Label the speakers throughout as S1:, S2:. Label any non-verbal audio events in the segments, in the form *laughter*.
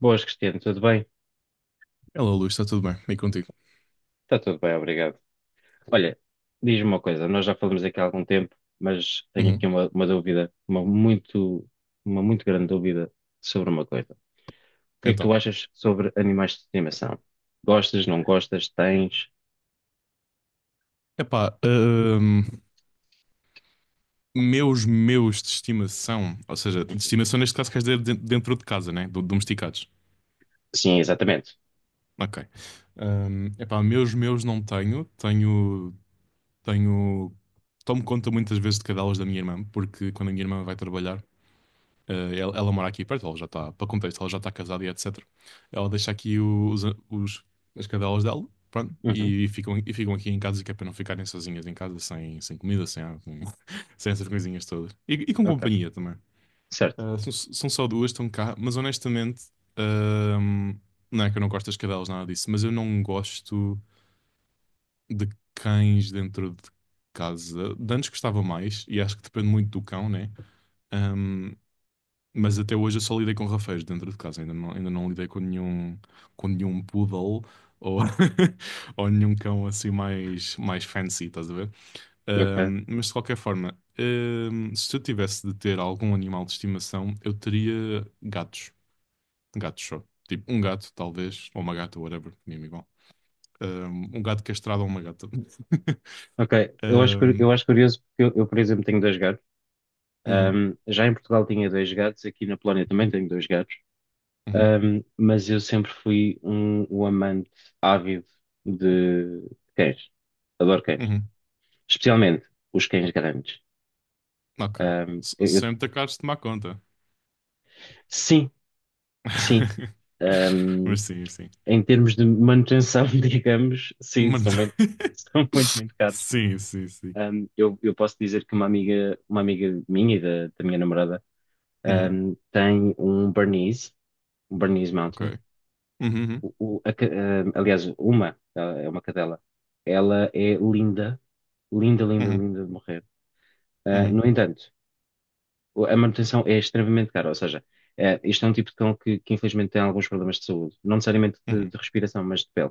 S1: Boas, Cristiano, tudo bem?
S2: Hello, Luís, está tudo bem? E contigo?
S1: Está tudo bem, obrigado. Olha, diz-me uma coisa, nós já falamos aqui há algum tempo, mas tenho aqui
S2: Uhum.
S1: uma dúvida, uma muito grande dúvida sobre uma coisa. O que é que tu
S2: Então,
S1: achas sobre animais de estimação? Gostas, não gostas, tens?
S2: epá, meus de estimação, ou seja, de
S1: Uhum.
S2: estimação neste caso queres dizer dentro de casa, né? Domesticados.
S1: Sim, exatamente.
S2: Ok. Epá, meus não tenho, tomo conta muitas vezes de cadelas da minha irmã, porque quando a minha irmã vai trabalhar. Ela mora aqui perto, ela já está, para contexto, ela já está casada e etc. Ela deixa aqui os- as cadelas dela, pronto,
S1: Uhum.
S2: e, ficam aqui em casa, que é para não ficarem sozinhas em casa, sem comida, sem água, *laughs* sem essas coisinhas todas. E com
S1: Ok,
S2: companhia também.
S1: certo.
S2: São só duas, estão cá, mas honestamente, ahm, não é que eu não gosto das cadelas, nada disso, mas eu não gosto de cães dentro de casa. De antes gostava mais, e acho que depende muito do cão, né? Ehm, mas até hoje eu só lidei com rafeiros dentro de casa, ainda não lidei com nenhum poodle ou, *laughs* ou nenhum cão assim mais fancy, estás a ver?
S1: Ok,
S2: Mas de qualquer forma, se eu tivesse de ter algum animal de estimação, eu teria gatos, gatos só. Tipo, um gato, talvez, ou uma gata, whatever, mesmo igual. Um gato castrado ou uma gata. *laughs*
S1: ok. Eu acho, cur-
S2: Ahm,
S1: eu acho curioso porque eu, por exemplo, tenho dois gatos.
S2: uhum,
S1: Já em Portugal tinha dois gatos, aqui na Polónia também tenho dois gatos.
S2: uhum,
S1: Mas eu sempre fui um amante ávido de cães. Adoro cães.
S2: uhum,
S1: Especialmente os cães grandes.
S2: ok.
S1: Um, eu- eu-
S2: Sem te acabares de tomar conta.
S1: sim, sim.
S2: *laughs*
S1: Um,
S2: Mas sim, sim.
S1: Em termos de manutenção, *laughs* digamos, sim,
S2: Mano-
S1: são muito,
S2: *laughs*
S1: *laughs* são muito, muito caros.
S2: Sim, sim, sim.
S1: Eu posso dizer que uma amiga minha e da minha namorada,
S2: Uhum,
S1: tem um Bernese Mountain.
S2: ok. Uhum, uhum,
S1: Aliás, ela é uma cadela. Ela é linda. Linda, linda,
S2: uhum,
S1: linda de morrer. Ah,
S2: uhum,
S1: no entanto, a manutenção é extremamente cara, ou seja, isto é um tipo de cão que infelizmente tem alguns problemas de saúde, não necessariamente
S2: uhum.
S1: de respiração, mas de pele.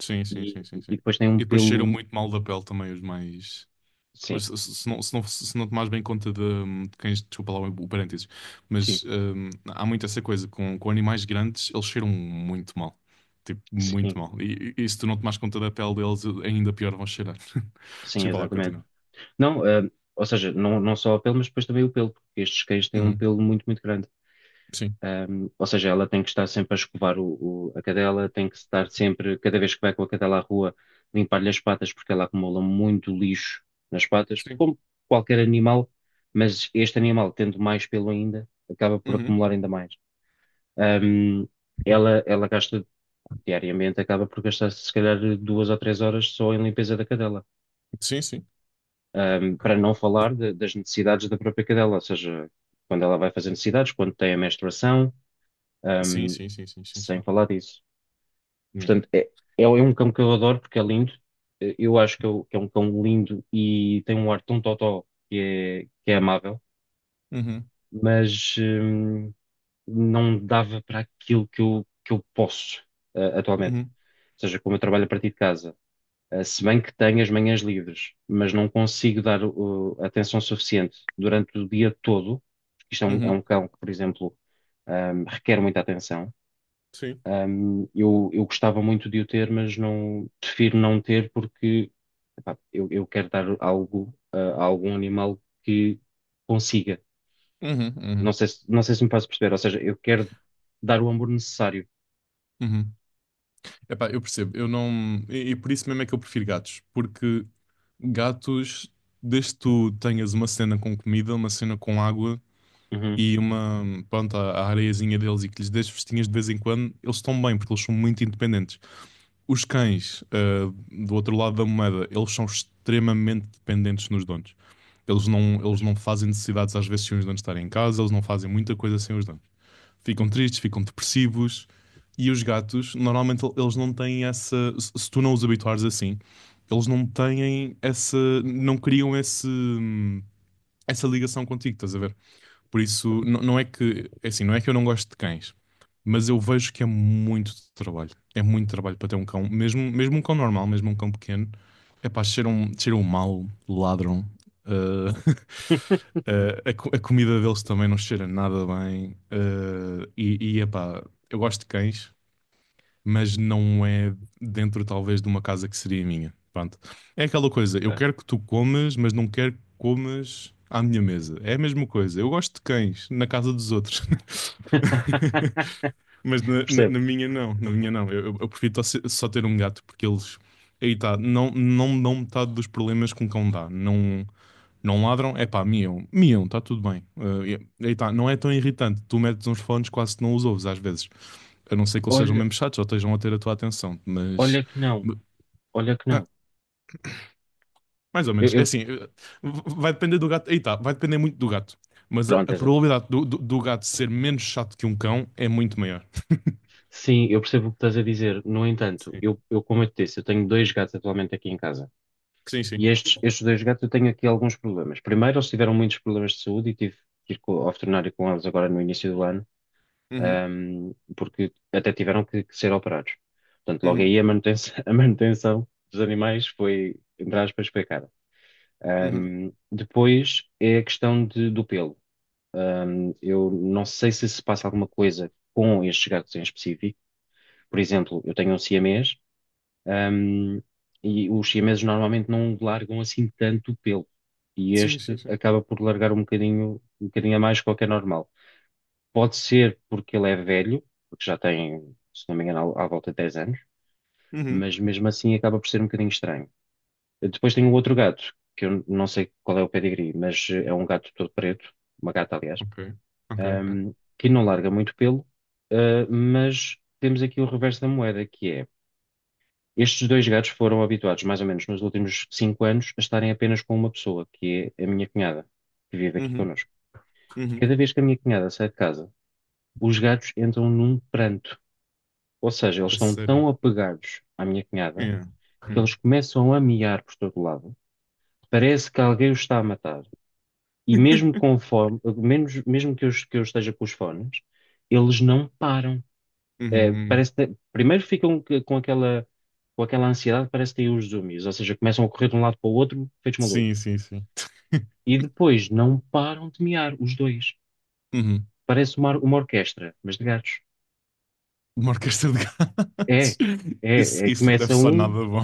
S2: Sim,
S1: E,
S2: sim, sim, sim, sim.
S1: e depois tem um
S2: E depois cheiram
S1: pelo.
S2: muito mal da pele também, os mais.
S1: Sim,
S2: Se não tomares bem conta de quem. Desculpa lá o parênteses.
S1: sim,
S2: Mas há muito essa coisa. Com animais grandes, eles cheiram muito mal. Tipo,
S1: sim,
S2: muito mal. E se tu não tomares conta da pele deles, ainda pior vão cheirar. *laughs*
S1: sim,
S2: Desculpa lá,
S1: exatamente.
S2: continua.
S1: Não, ou seja, não só a pele, mas depois também o pelo, porque estes cães têm um
S2: Uhum,
S1: pelo muito, muito grande.
S2: sim,
S1: Ou seja, ela tem que estar sempre a escovar a cadela, tem que estar sempre, cada vez que vai com a cadela à rua, limpar-lhe as patas, porque ela acumula muito lixo nas patas,
S2: sim.
S1: como qualquer animal, mas este animal, tendo mais pelo ainda, acaba por
S2: Uhum,
S1: acumular ainda mais. Um, ela gasta diariamente, acaba por gastar se calhar 2 ou 3 horas só em limpeza da cadela.
S2: sim, sim.
S1: Para não falar das necessidades da própria cadela, ou seja, quando ela vai fazer necessidades, quando tem a menstruação.
S2: Sim,
S1: Ahm,
S2: sim, sim, sim, sim,
S1: Sem falar disso.
S2: sim.
S1: Portanto, é um cão que eu adoro porque é lindo. Eu acho que que é um cão lindo e tem um ar tão totó que é amável,
S2: Uhum,
S1: mas não dava para aquilo que eu posso atualmente.
S2: uhum,
S1: Ou seja, como eu trabalho a partir de casa, se bem que tenho as manhãs livres, mas não consigo dar atenção suficiente durante o dia todo, porque isto é um, é
S2: uhum.
S1: um cão que, por exemplo, requer muita atenção.
S2: Sim.
S1: Eu gostava muito de o ter, mas não prefiro não ter porque epá, eu quero dar algo a algum animal que consiga.
S2: Uhum,
S1: Não
S2: uhum,
S1: sei se, não sei se me faço perceber, ou seja, eu quero dar o amor necessário.
S2: uhum. Epá, eu percebo, eu não. E por isso mesmo é que eu prefiro gatos, porque gatos, desde que tu tenhas uma cena com comida, uma cena com água
S1: Uhum.
S2: e uma, pronto, a areiazinha deles e que lhes dês festinhas de vez em quando, eles estão bem, porque eles são muito independentes. Os cães, do outro lado da moeda, eles são extremamente dependentes nos donos. Eles não fazem necessidades às vezes sem os donos estarem em casa, eles não fazem muita coisa sem os donos. Ficam tristes, ficam depressivos. E os gatos, normalmente, eles não têm essa. Se tu não os habituares assim, eles não têm essa. Não criam esse. Essa ligação contigo, estás a ver? Por isso, não é que. É assim, não é que eu não gosto de cães, mas eu vejo que é muito trabalho. É muito trabalho para ter um cão. Mesmo, mesmo um cão normal, mesmo um cão pequeno, é pá, cheiram mal, ladram. ah, *laughs* a comida deles também não cheira nada bem. E epá, eu gosto de cães, mas não é dentro talvez de uma casa que seria minha. Pronto. É aquela coisa, eu
S1: É.
S2: quero que tu comas, mas não quero que comas à minha mesa. É a mesma coisa. Eu gosto de cães na casa dos outros. *laughs*
S1: *laughs*
S2: Mas
S1: Percebo.
S2: na minha não, na minha não. Eu, eu prefiro só ter um gato porque eles. Aí tá, não me dão metade dos problemas que um cão dá. Não, não ladram, é pá, miam, miam, está tudo bem. Aí tá, não é tão irritante. Tu metes uns fones, quase que não os ouves às vezes. A não ser que eles sejam
S1: Olha,
S2: mesmo chatos ou estejam a ter a tua atenção, mas
S1: olha que não, olha que não.
S2: mais ou
S1: Eu,
S2: menos, é
S1: eu-
S2: assim, vai depender do gato, aí tá, vai depender muito do gato, mas a,
S1: Pronto,
S2: a
S1: exato.
S2: probabilidade do gato ser menos chato que um cão é muito maior.
S1: Sim, eu percebo o que estás a dizer. No entanto,
S2: Sim,
S1: eu como eu te disse, eu tenho dois gatos atualmente aqui em casa.
S2: sim, sim.
S1: E estes dois gatos eu tenho aqui alguns problemas. Primeiro, eles tiveram muitos problemas de saúde e tive que ir ao veterinário com eles agora no início do ano,
S2: Uhum,
S1: porque até tiveram que ser operados. Portanto, logo
S2: uhum,
S1: aí a manutenção, *laughs* a manutenção dos animais foi, entre aspas, foi.
S2: uhum.
S1: Depois é a questão do pelo. Eu não sei se se passa alguma coisa com estes gatos em específico. Por exemplo, eu tenho um siamês, um, e os siameses normalmente não largam assim tanto pelo. E
S2: Sim, sim,
S1: este
S2: sim.
S1: acaba por largar um bocadinho a mais do que é normal. Pode ser porque ele é velho, porque já tem, se não me engano, à volta de 10 anos,
S2: Uhum.
S1: mas mesmo assim acaba por ser um bocadinho estranho. Depois tem o outro gato, que eu não sei qual é o pedigree, mas é um gato todo preto, uma gata, aliás,
S2: Ok, ok, ok.
S1: que não larga muito pelo, mas temos aqui o reverso da moeda, que é. Estes dois gatos foram habituados, mais ou menos nos últimos 5 anos, a estarem apenas com uma pessoa, que é a minha cunhada, que vive aqui
S2: Uhum,
S1: connosco.
S2: uhum.
S1: Cada vez que a minha cunhada sai de casa, os gatos entram num pranto. Ou seja, eles
S2: É
S1: estão
S2: sério.
S1: tão apegados à minha cunhada
S2: Yeah.
S1: que
S2: Yeah.
S1: eles começam a miar por todo lado. Parece que alguém os está a matar. E mesmo com fome, mesmo que eu esteja com os fones, eles não param.
S2: Uhum, uhum.
S1: Primeiro ficam com aquela ansiedade, parece que têm os zoomies, ou seja, começam a correr de um lado para o outro, feitos malucos.
S2: Sim, sim, sim. *laughs*
S1: E depois não param de miar, os dois.
S2: Uhum.
S1: Parece uma orquestra, mas de gatos.
S2: Uma orquestra de
S1: É,
S2: gatos. *laughs* Isso,
S1: é,
S2: isso não deve
S1: começa
S2: soar nada
S1: um,
S2: bom.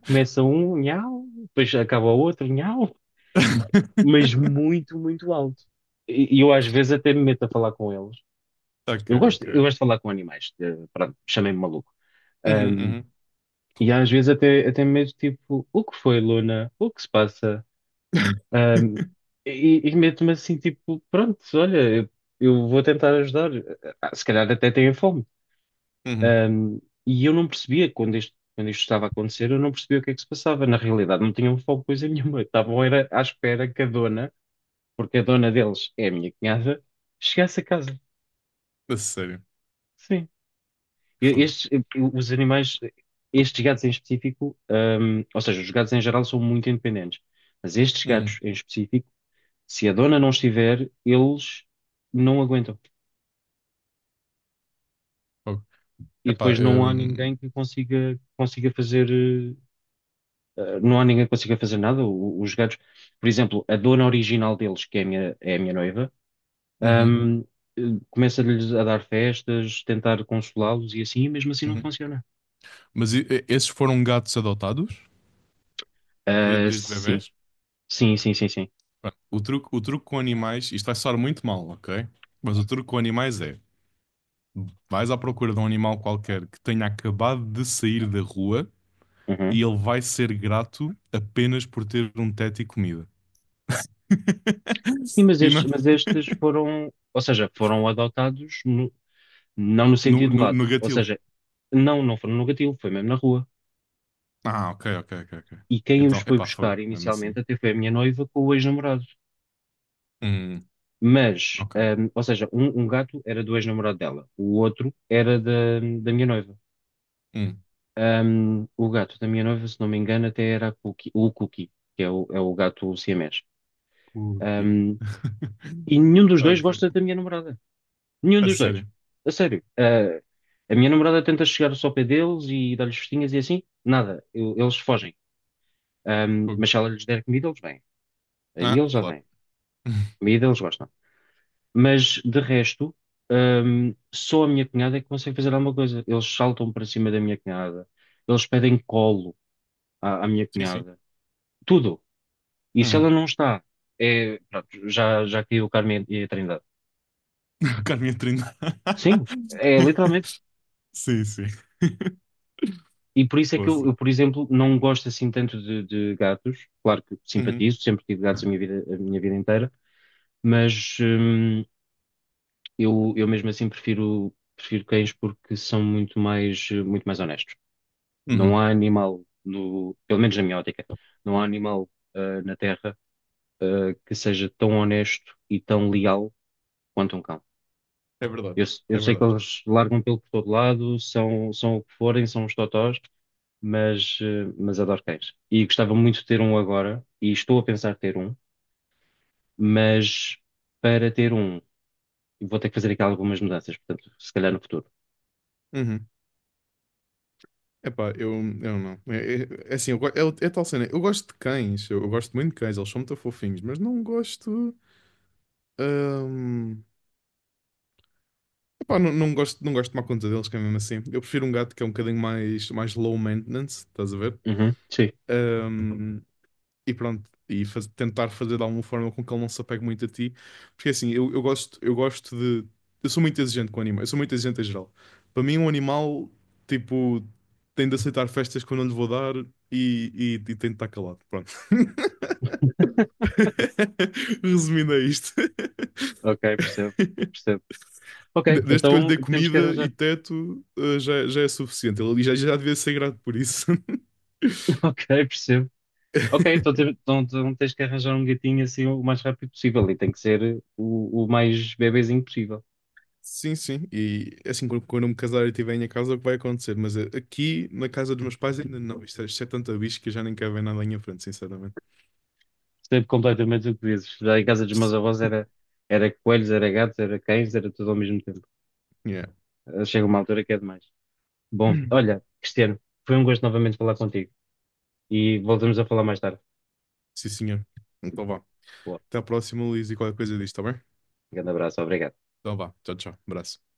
S1: começa um, nhau, depois acaba o outro, nhau, mas
S2: *laughs*
S1: muito, muito alto. E eu às vezes até me meto a falar com eles.
S2: Ok,
S1: Eu gosto, eu
S2: ok.
S1: gosto de falar com animais, pronto, chamei-me maluco.
S2: Uhum, uhum.
S1: E às vezes até mesmo tipo, o que foi, Luna? O que se passa? Ahm, e meto-me assim, tipo, pronto, olha, eu vou tentar ajudar. Ah, se calhar até têm fome.
S2: Uhum.
S1: Ahm, e eu não percebia quando isto estava a acontecer, eu não percebia o que é que se passava. Na realidade, não tinham fome coisa nenhuma. Estavam era à espera que a dona, porque a dona deles é a minha cunhada, chegasse a casa.
S2: A sério.
S1: Sim.
S2: Fogo.
S1: Estes, os animais, estes gatos em específico, ou seja, os gatos em geral são muito independentes, mas estes
S2: Uhum.
S1: gatos em específico, se a dona não estiver, eles não aguentam.
S2: Fogo.
S1: E
S2: Epá,
S1: depois não há ninguém que consiga fazer, não há ninguém que consiga fazer nada. Os gatos, por exemplo, a dona original deles, que é a minha noiva,
S2: uhum,
S1: hum, eh, começa-lhes a dar festas, tentar consolá-los e assim, e mesmo assim não
S2: uhum.
S1: funciona.
S2: Mas esses foram gatos adotados
S1: Ah,
S2: desde
S1: sim,
S2: bebés?
S1: sim, sim, sim, sim.
S2: Bem, o truque, o truque com animais, isto vai soar muito mal, ok? Mas o truque com animais é: vais à procura de um animal qualquer que tenha acabado de sair da rua
S1: Uhum.
S2: e ele vai ser grato apenas por ter um teto e comida.
S1: Sim,
S2: *laughs*
S1: mas
S2: E
S1: estes foram, ou seja, foram adotados não no
S2: no,
S1: sentido
S2: no,
S1: lato.
S2: no
S1: Ou
S2: gatilho.
S1: seja, não foram no gatilho, foi mesmo na rua.
S2: Ah, ok, ok, ok, ok.
S1: E quem os
S2: Então, é
S1: foi
S2: pá,
S1: buscar
S2: fogo, mesmo
S1: inicialmente
S2: assim.
S1: até foi a minha noiva com o ex-namorado.
S2: Hum,
S1: Mas,
S2: ok.
S1: ou seja, um gato era do ex-namorado dela, o outro era da minha noiva.
S2: Hum,
S1: O gato da minha noiva, se não me engano, até era o Cookie, que é o gato siamês.
S2: o *laughs*
S1: Ahm, e nenhum dos dois
S2: Ok.
S1: gosta da minha namorada. Nenhum
S2: A
S1: dos dois.
S2: sério.
S1: A sério. Ah, a minha namorada tenta chegar só ao pé deles e dar-lhes festinhas e assim. Nada. Eles fogem.
S2: Fogo.
S1: Mas se ela lhes der comida, eles vêm. Aí
S2: Ah,
S1: eles já
S2: claro.
S1: vêm.
S2: *laughs*
S1: Comida eles gostam. Mas de resto, só a minha cunhada é que consegue fazer alguma coisa. Eles saltam para cima da minha cunhada. Eles pedem colo à minha
S2: Sim, sim.
S1: cunhada. Tudo. E se
S2: Uhum.
S1: ela não está, é, pronto, já caiu o Carmen e a Trindade.
S2: *laughs* Carne a trinta.
S1: Sim. É
S2: *laughs*
S1: literalmente.
S2: Sim, sim.
S1: E por isso é que eu,
S2: Posso.
S1: eu, por exemplo, não gosto assim tanto de gatos. Claro que
S2: Uhum.
S1: simpatizo, sempre tive gatos a minha vida inteira, mas eu mesmo assim prefiro cães porque são muito mais, muito mais honestos. Não
S2: Uhum.
S1: há animal, no, pelo menos na minha ótica, não há animal na Terra que seja tão honesto e tão leal quanto um cão.
S2: É verdade.
S1: Eu
S2: É
S1: sei que
S2: verdade.
S1: eles largam pelo por todo lado, são o que forem, são os totós, mas, mas adoro cães. E gostava muito de ter um agora, e estou a pensar ter um, mas para ter um, vou ter que fazer aqui algumas mudanças, portanto, se calhar no futuro.
S2: Uhum. Epá, eu não. É assim, é tal cena. Eu gosto de cães, eu gosto muito de cães, eles são muito fofinhos, mas não gosto. hum, epá, não gosto de tomar conta deles, que é mesmo assim. Eu prefiro um gato que é um bocadinho mais low maintenance, estás a ver?
S1: Uhum, sim,
S2: Uhum. E pronto, e tentar fazer de alguma forma com que ele não se apegue muito a ti. Porque assim, eu gosto de. Eu sou muito exigente com animais, eu sou muito exigente em geral. Para mim, um animal, tipo, tem de aceitar festas que eu não lhe vou dar e, e tem de estar calado. Pronto. *laughs* Resumindo a isto.
S1: ok, percebo, percebo. Ok,
S2: Desde que eu lhe
S1: então
S2: dei
S1: temos que
S2: comida e
S1: arranjar.
S2: teto, já é suficiente. Ele já devia ser grato por isso. *laughs*
S1: *laughs* Ok, percebo. Ok, então, então tens que arranjar um gatinho assim o mais rápido possível e tem que ser o mais bebezinho possível.
S2: Sim, sim. E assim, quando eu me casar e tiver em minha casa, é o que vai acontecer? Mas aqui na casa dos meus pais ainda não. Isto é tanta bicho que eu já nem quero ver nada em frente, sinceramente.
S1: Percebo completamente o que dizes. Já em casa dos meus avós era, coelhos, era gatos, era cães, era tudo ao mesmo tempo.
S2: Yeah.
S1: Chega uma altura que é demais. Bom, olha, Cristiano, foi um gosto novamente falar contigo e voltamos a falar mais tarde.
S2: Sim, senhor. Então vá.
S1: Boa,
S2: Até à próxima, Luís, e qualquer coisa disto, tá bem?
S1: um grande abraço, obrigado.
S2: Então vá. Tchau, tchau. Abraço.